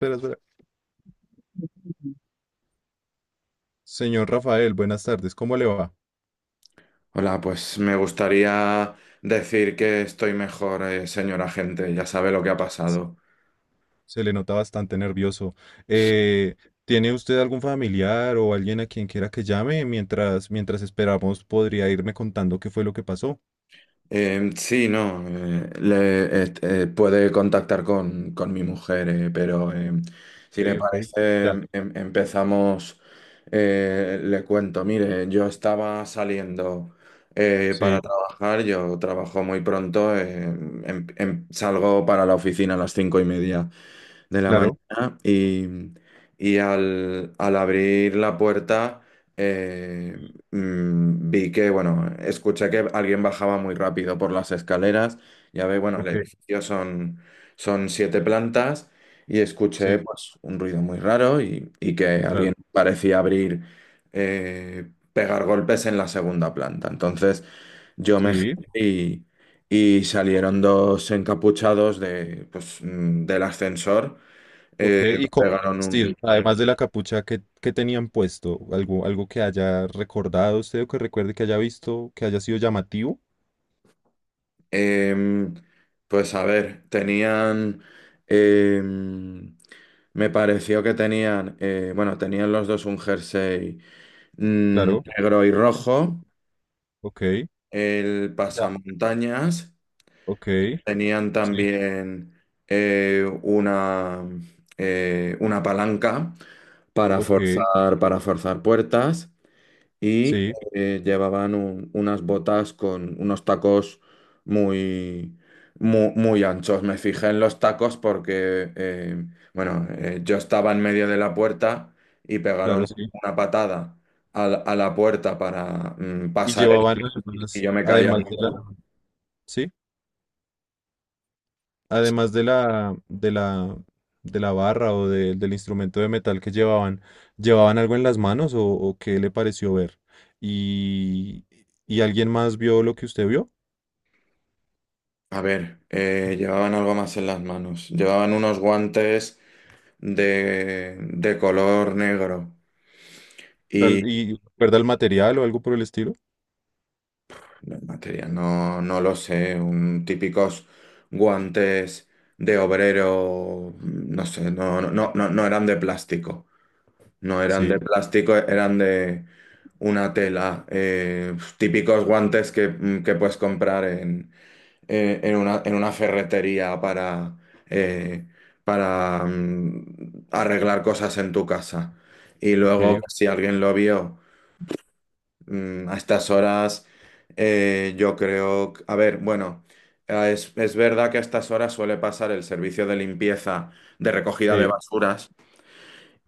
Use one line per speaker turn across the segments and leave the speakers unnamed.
Espera, espera. Señor Rafael, buenas tardes. ¿Cómo le va?
Hola, pues me gustaría decir que estoy mejor, señora agente, ya sabe lo que ha
Sí.
pasado.
Se le nota bastante nervioso. Eh, ¿Tiene usted algún familiar o alguien a quien quiera que llame? Mientras esperamos, podría irme contando qué fue lo que pasó.
Sí, no, puede contactar con mi mujer, pero
Ok,
si le
ok.
parece,
Ya.
empezamos. Le cuento, mire, yo estaba saliendo
Sí,
para trabajar. Yo trabajo muy pronto, salgo para la oficina a las 5:30 de la
claro.
mañana. Y al abrir la puerta, eh, vi que, bueno, escuché que alguien bajaba muy rápido por las escaleras. Ya ve, bueno, el
Ok,
edificio son siete plantas, y
sí,
escuché pues un ruido muy raro, y que
claro.
alguien parecía abrir, pegar golpes en la segunda planta. Entonces yo me giré
Sí,
y salieron dos encapuchados de, pues, del ascensor.
ok.
Me
¿Y cómo
pegaron
vestido?
un.
Además de la capucha, ¿qué tenían puesto? ¿Algo que haya recordado usted o que recuerde que haya visto, que haya sido llamativo?
em, pues, a ver, tenían. em, Me pareció que tenían. Bueno, tenían los dos un jersey
Claro.
negro y rojo.
Ok.
El
Ya.
pasamontañas.
Ok.
Tenían
Sí.
también eh, una, una palanca para
Ok.
forzar, puertas. y
Sí,
Llevaban unas botas con unos tacos muy, anchos. Me fijé en los tacos porque, bueno, yo estaba en medio de la puerta, y pegaron
claro, sí.
una patada a la puerta para
Y
pasar, y
llevaban
y
algunas,
yo me caí.
además de la, sí, además de la barra o del instrumento de metal que llevaban, ¿llevaban algo en las manos o qué le pareció ver? ¿Y, y alguien más vio lo que usted vio?
A ver, llevaban algo más en las manos. Llevaban unos guantes de color negro.
¿Y recuerda el material o algo por el estilo?
Los materiales, no, no lo sé, un típicos guantes de obrero, no sé, no, no, no, no no eran de plástico, no eran de
Sí,
plástico, eran de una tela, típicos guantes que, que puedes comprar en una ferretería para, eh, arreglar cosas en tu casa. Y
ok,
luego,
ok,
si alguien lo vio. A estas horas, yo creo, a ver, bueno, es verdad que a estas horas suele pasar el servicio de limpieza, de recogida de
sí,
basuras,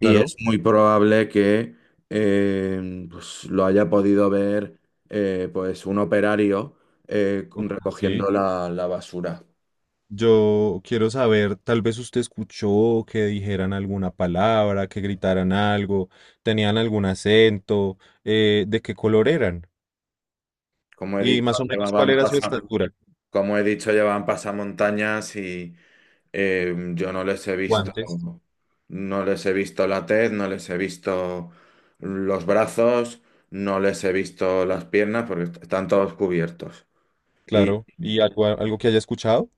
y es muy probable que pues, lo haya podido ver pues un operario
Ok, sí.
recogiendo la basura.
Yo quiero saber, tal vez usted escuchó que dijeran alguna palabra, que gritaran algo, tenían algún acento, de qué color eran
Como he
y
dicho,
más o menos cuál
llevaban
era su estatura.
como he dicho, llevaban pasamontañas. Yo no les he visto,
Guantes.
no les he visto la tez, no les he visto los brazos, no les he visto las piernas porque están todos cubiertos. Y
Claro, y algo, algo que haya escuchado.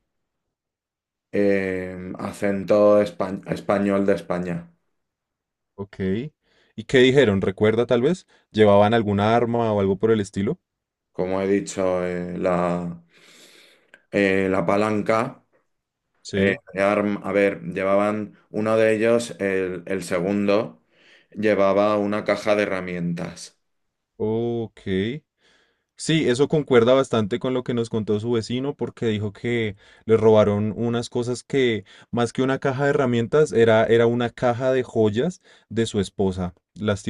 acento español de España.
Ok. ¿Y qué dijeron? ¿Recuerda tal vez? ¿Llevaban alguna arma o algo por el estilo?
Como he dicho, la palanca,
Sí.
a ver, llevaban uno de ellos, el segundo, llevaba una caja de herramientas.
Ok. Sí, eso concuerda bastante con lo que nos contó su vecino, porque dijo que le robaron unas cosas que, más que una caja de herramientas, era una caja de joyas de su esposa.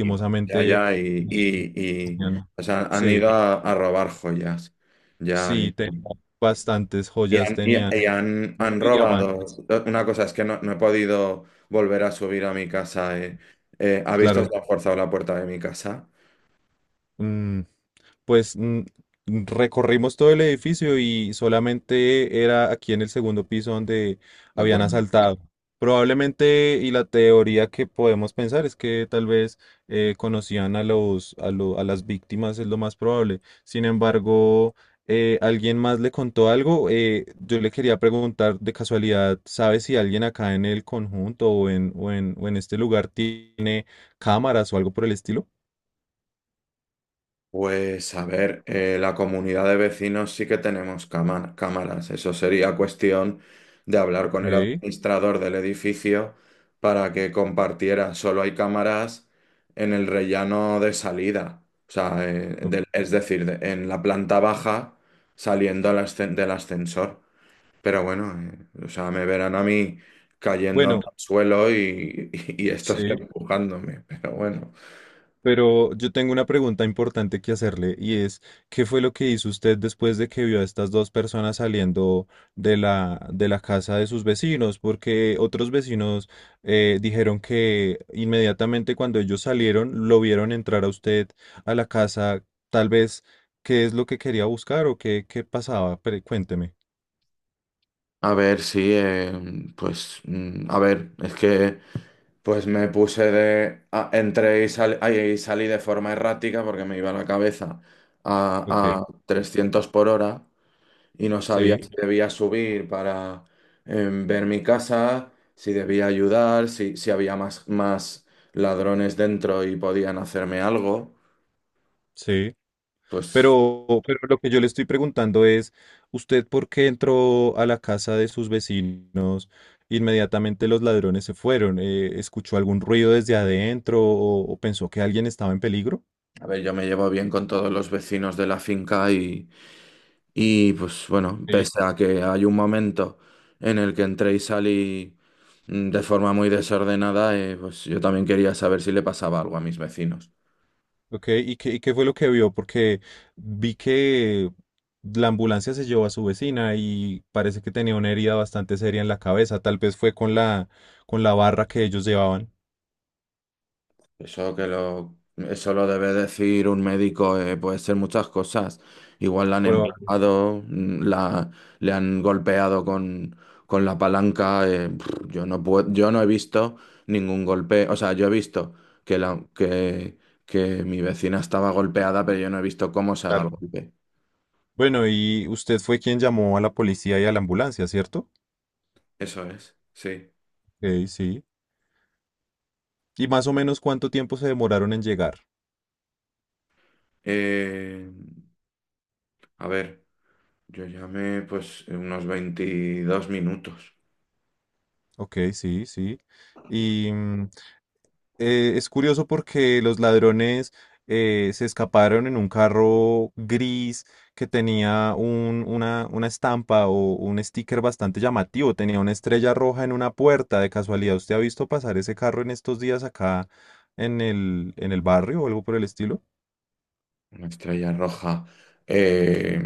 Y no. Ya, ya, y,
tenían-
o sea, han
sí,
ido a, robar joyas. Ya,
sí, te-
y,
bastantes
y
joyas
han,
tenían.
y- y han, han robado. Una cosa es que no, no he podido volver a subir a mi casa. ¿Ha visto
Claro,
que ha forzado la puerta de mi casa?
mm, pues mm, recorrimos todo el edificio y solamente era aquí en el segundo piso donde
¿De
habían
acuerdo?
asaltado. Probablemente, y la teoría que podemos pensar es que tal vez conocían a los, a a las víctimas, es lo más probable. Sin embargo, alguien más le contó algo. Yo le quería preguntar de casualidad, ¿sabes si alguien acá en el conjunto o en este lugar tiene cámaras o algo por el estilo?
Pues a ver, la comunidad de vecinos sí que tenemos cámaras. Eso sería cuestión de hablar
Ok.
con el administrador del edificio para que compartiera. Solo hay cámaras en el rellano de salida. O sea,
Ok.
es decir, en la planta baja saliendo del ascensor. Pero bueno, o sea, me verán a mí cayéndome
Bueno.
al suelo y, y estos
Sí.
empujándome. Pero bueno.
Pero yo tengo una pregunta importante que hacerle y es, ¿qué fue lo que hizo usted después de que vio a estas dos personas saliendo de la casa de sus vecinos? Porque otros vecinos dijeron que inmediatamente cuando ellos salieron lo vieron entrar a usted a la casa, tal vez, ¿qué es lo que quería buscar o qué pasaba? Cuénteme.
A ver, sí, pues, a ver, es que pues me puse de. Entré y, salí de forma errática porque me iba la cabeza a,
Ok,
300 por hora, y no
sí.
sabía si
Sí,
debía subir para ver mi casa, si debía ayudar, si había más ladrones dentro y podían hacerme algo.
sí.
Pues,
Pero lo que yo le estoy preguntando es, ¿usted por qué entró a la casa de sus vecinos? Inmediatamente los ladrones se fueron. ¿Escuchó algún ruido desde adentro o pensó que alguien estaba en peligro?
a ver, yo me llevo bien con todos los vecinos de la finca. Y pues bueno,
Sí.
pese a que hay un momento en el que entré y salí de forma muy desordenada, pues yo también quería saber si le pasaba algo a mis vecinos.
Ok, ¿y qué fue lo que vio? Porque vi que la ambulancia se llevó a su vecina y parece que tenía una herida bastante seria en la cabeza. Tal vez fue con la barra que ellos llevaban.
Eso lo debe decir un médico, puede ser muchas cosas. Igual la han
Probable.
empujado, le han golpeado con la palanca. Yo no puedo, yo no he visto ningún golpe. O sea, yo he visto que, la, que, que mi vecina estaba golpeada, pero yo no he visto cómo se ha dado el
Claro.
golpe.
Bueno, y usted fue quien llamó a la policía y a la ambulancia, ¿cierto?
Eso es, sí.
Ok, sí. ¿Y más o menos cuánto tiempo se demoraron en llegar?
Eh, a ver, yo llamé pues unos 22 minutos.
Ok, sí, sí. Y mm, es curioso porque los ladrones se escaparon en un carro gris que tenía una estampa o un sticker bastante llamativo. Tenía una estrella roja en una puerta. De casualidad, ¿usted ha visto pasar ese carro en estos días acá en el barrio o algo por el estilo?
Una estrella roja. Eh,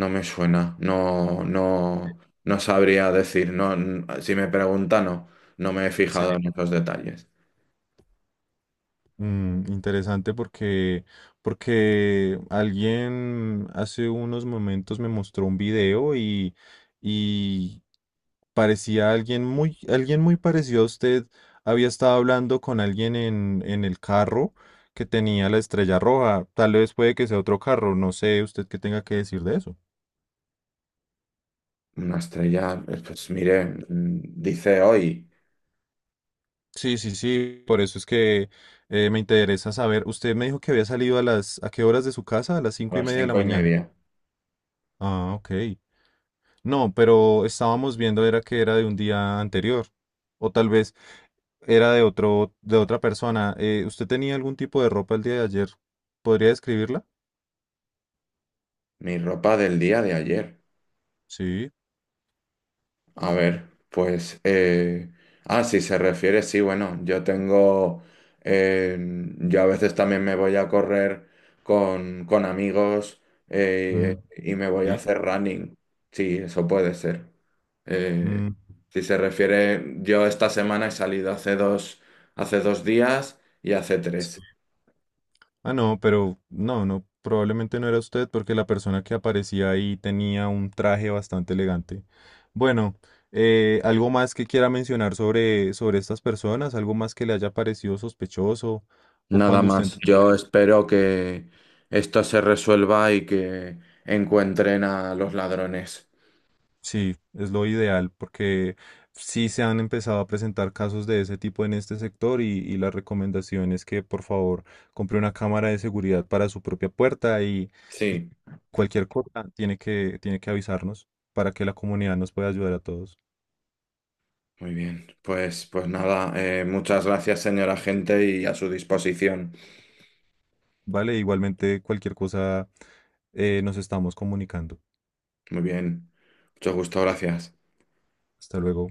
No me suena, no, no, no sabría decir, no, si me pregunta, no, no me he fijado en esos detalles.
Mm, interesante porque, porque alguien hace unos momentos me mostró un video y parecía alguien muy parecido a usted. Había estado hablando con alguien en el carro que tenía la estrella roja. Tal vez puede que sea otro carro, no sé usted qué tenga que decir de eso.
Una estrella, pues mire, dice hoy,
Sí, sí, sí, por eso es que me interesa saber. Usted me dijo que había salido a las, ¿a qué horas de su casa? A las
a
cinco y
las
media de la
cinco y
mañana.
media,
Ah, ok. No, pero estábamos viendo era que era de un día anterior. O tal vez era de otro, de otra persona. ¿Usted tenía algún tipo de ropa el día de ayer? ¿Podría describirla?
Mi ropa del día de ayer.
Sí.
A ver, pues. Ah, si se refiere, sí, bueno, yo tengo. eh, Yo a veces también me voy a correr con amigos,
Mm,
y me voy a
sí.
hacer running. Sí, eso puede ser. Eh,
Mm,
si se refiere, yo esta semana he salido hace 2 días y hace
sí.
tres.
Ah, no, pero no, no, probablemente no era usted porque la persona que aparecía ahí tenía un traje bastante elegante. Bueno, ¿algo más que quiera mencionar sobre, sobre estas personas? ¿Algo más que le haya parecido sospechoso? ¿O
Nada
cuando usted
más. Yo espero que esto se resuelva y que encuentren a los ladrones.
sí, es lo ideal porque sí se han empezado a presentar casos de ese tipo en este sector y la recomendación es que por favor compre una cámara de seguridad para su propia puerta y
Sí.
cualquier cosa tiene que avisarnos para que la comunidad nos pueda ayudar a todos.
Muy bien, pues nada, muchas gracias, señora agente, y a su disposición.
Vale, igualmente cualquier cosa nos estamos comunicando.
Muy bien, mucho gusto, gracias.
Hasta luego.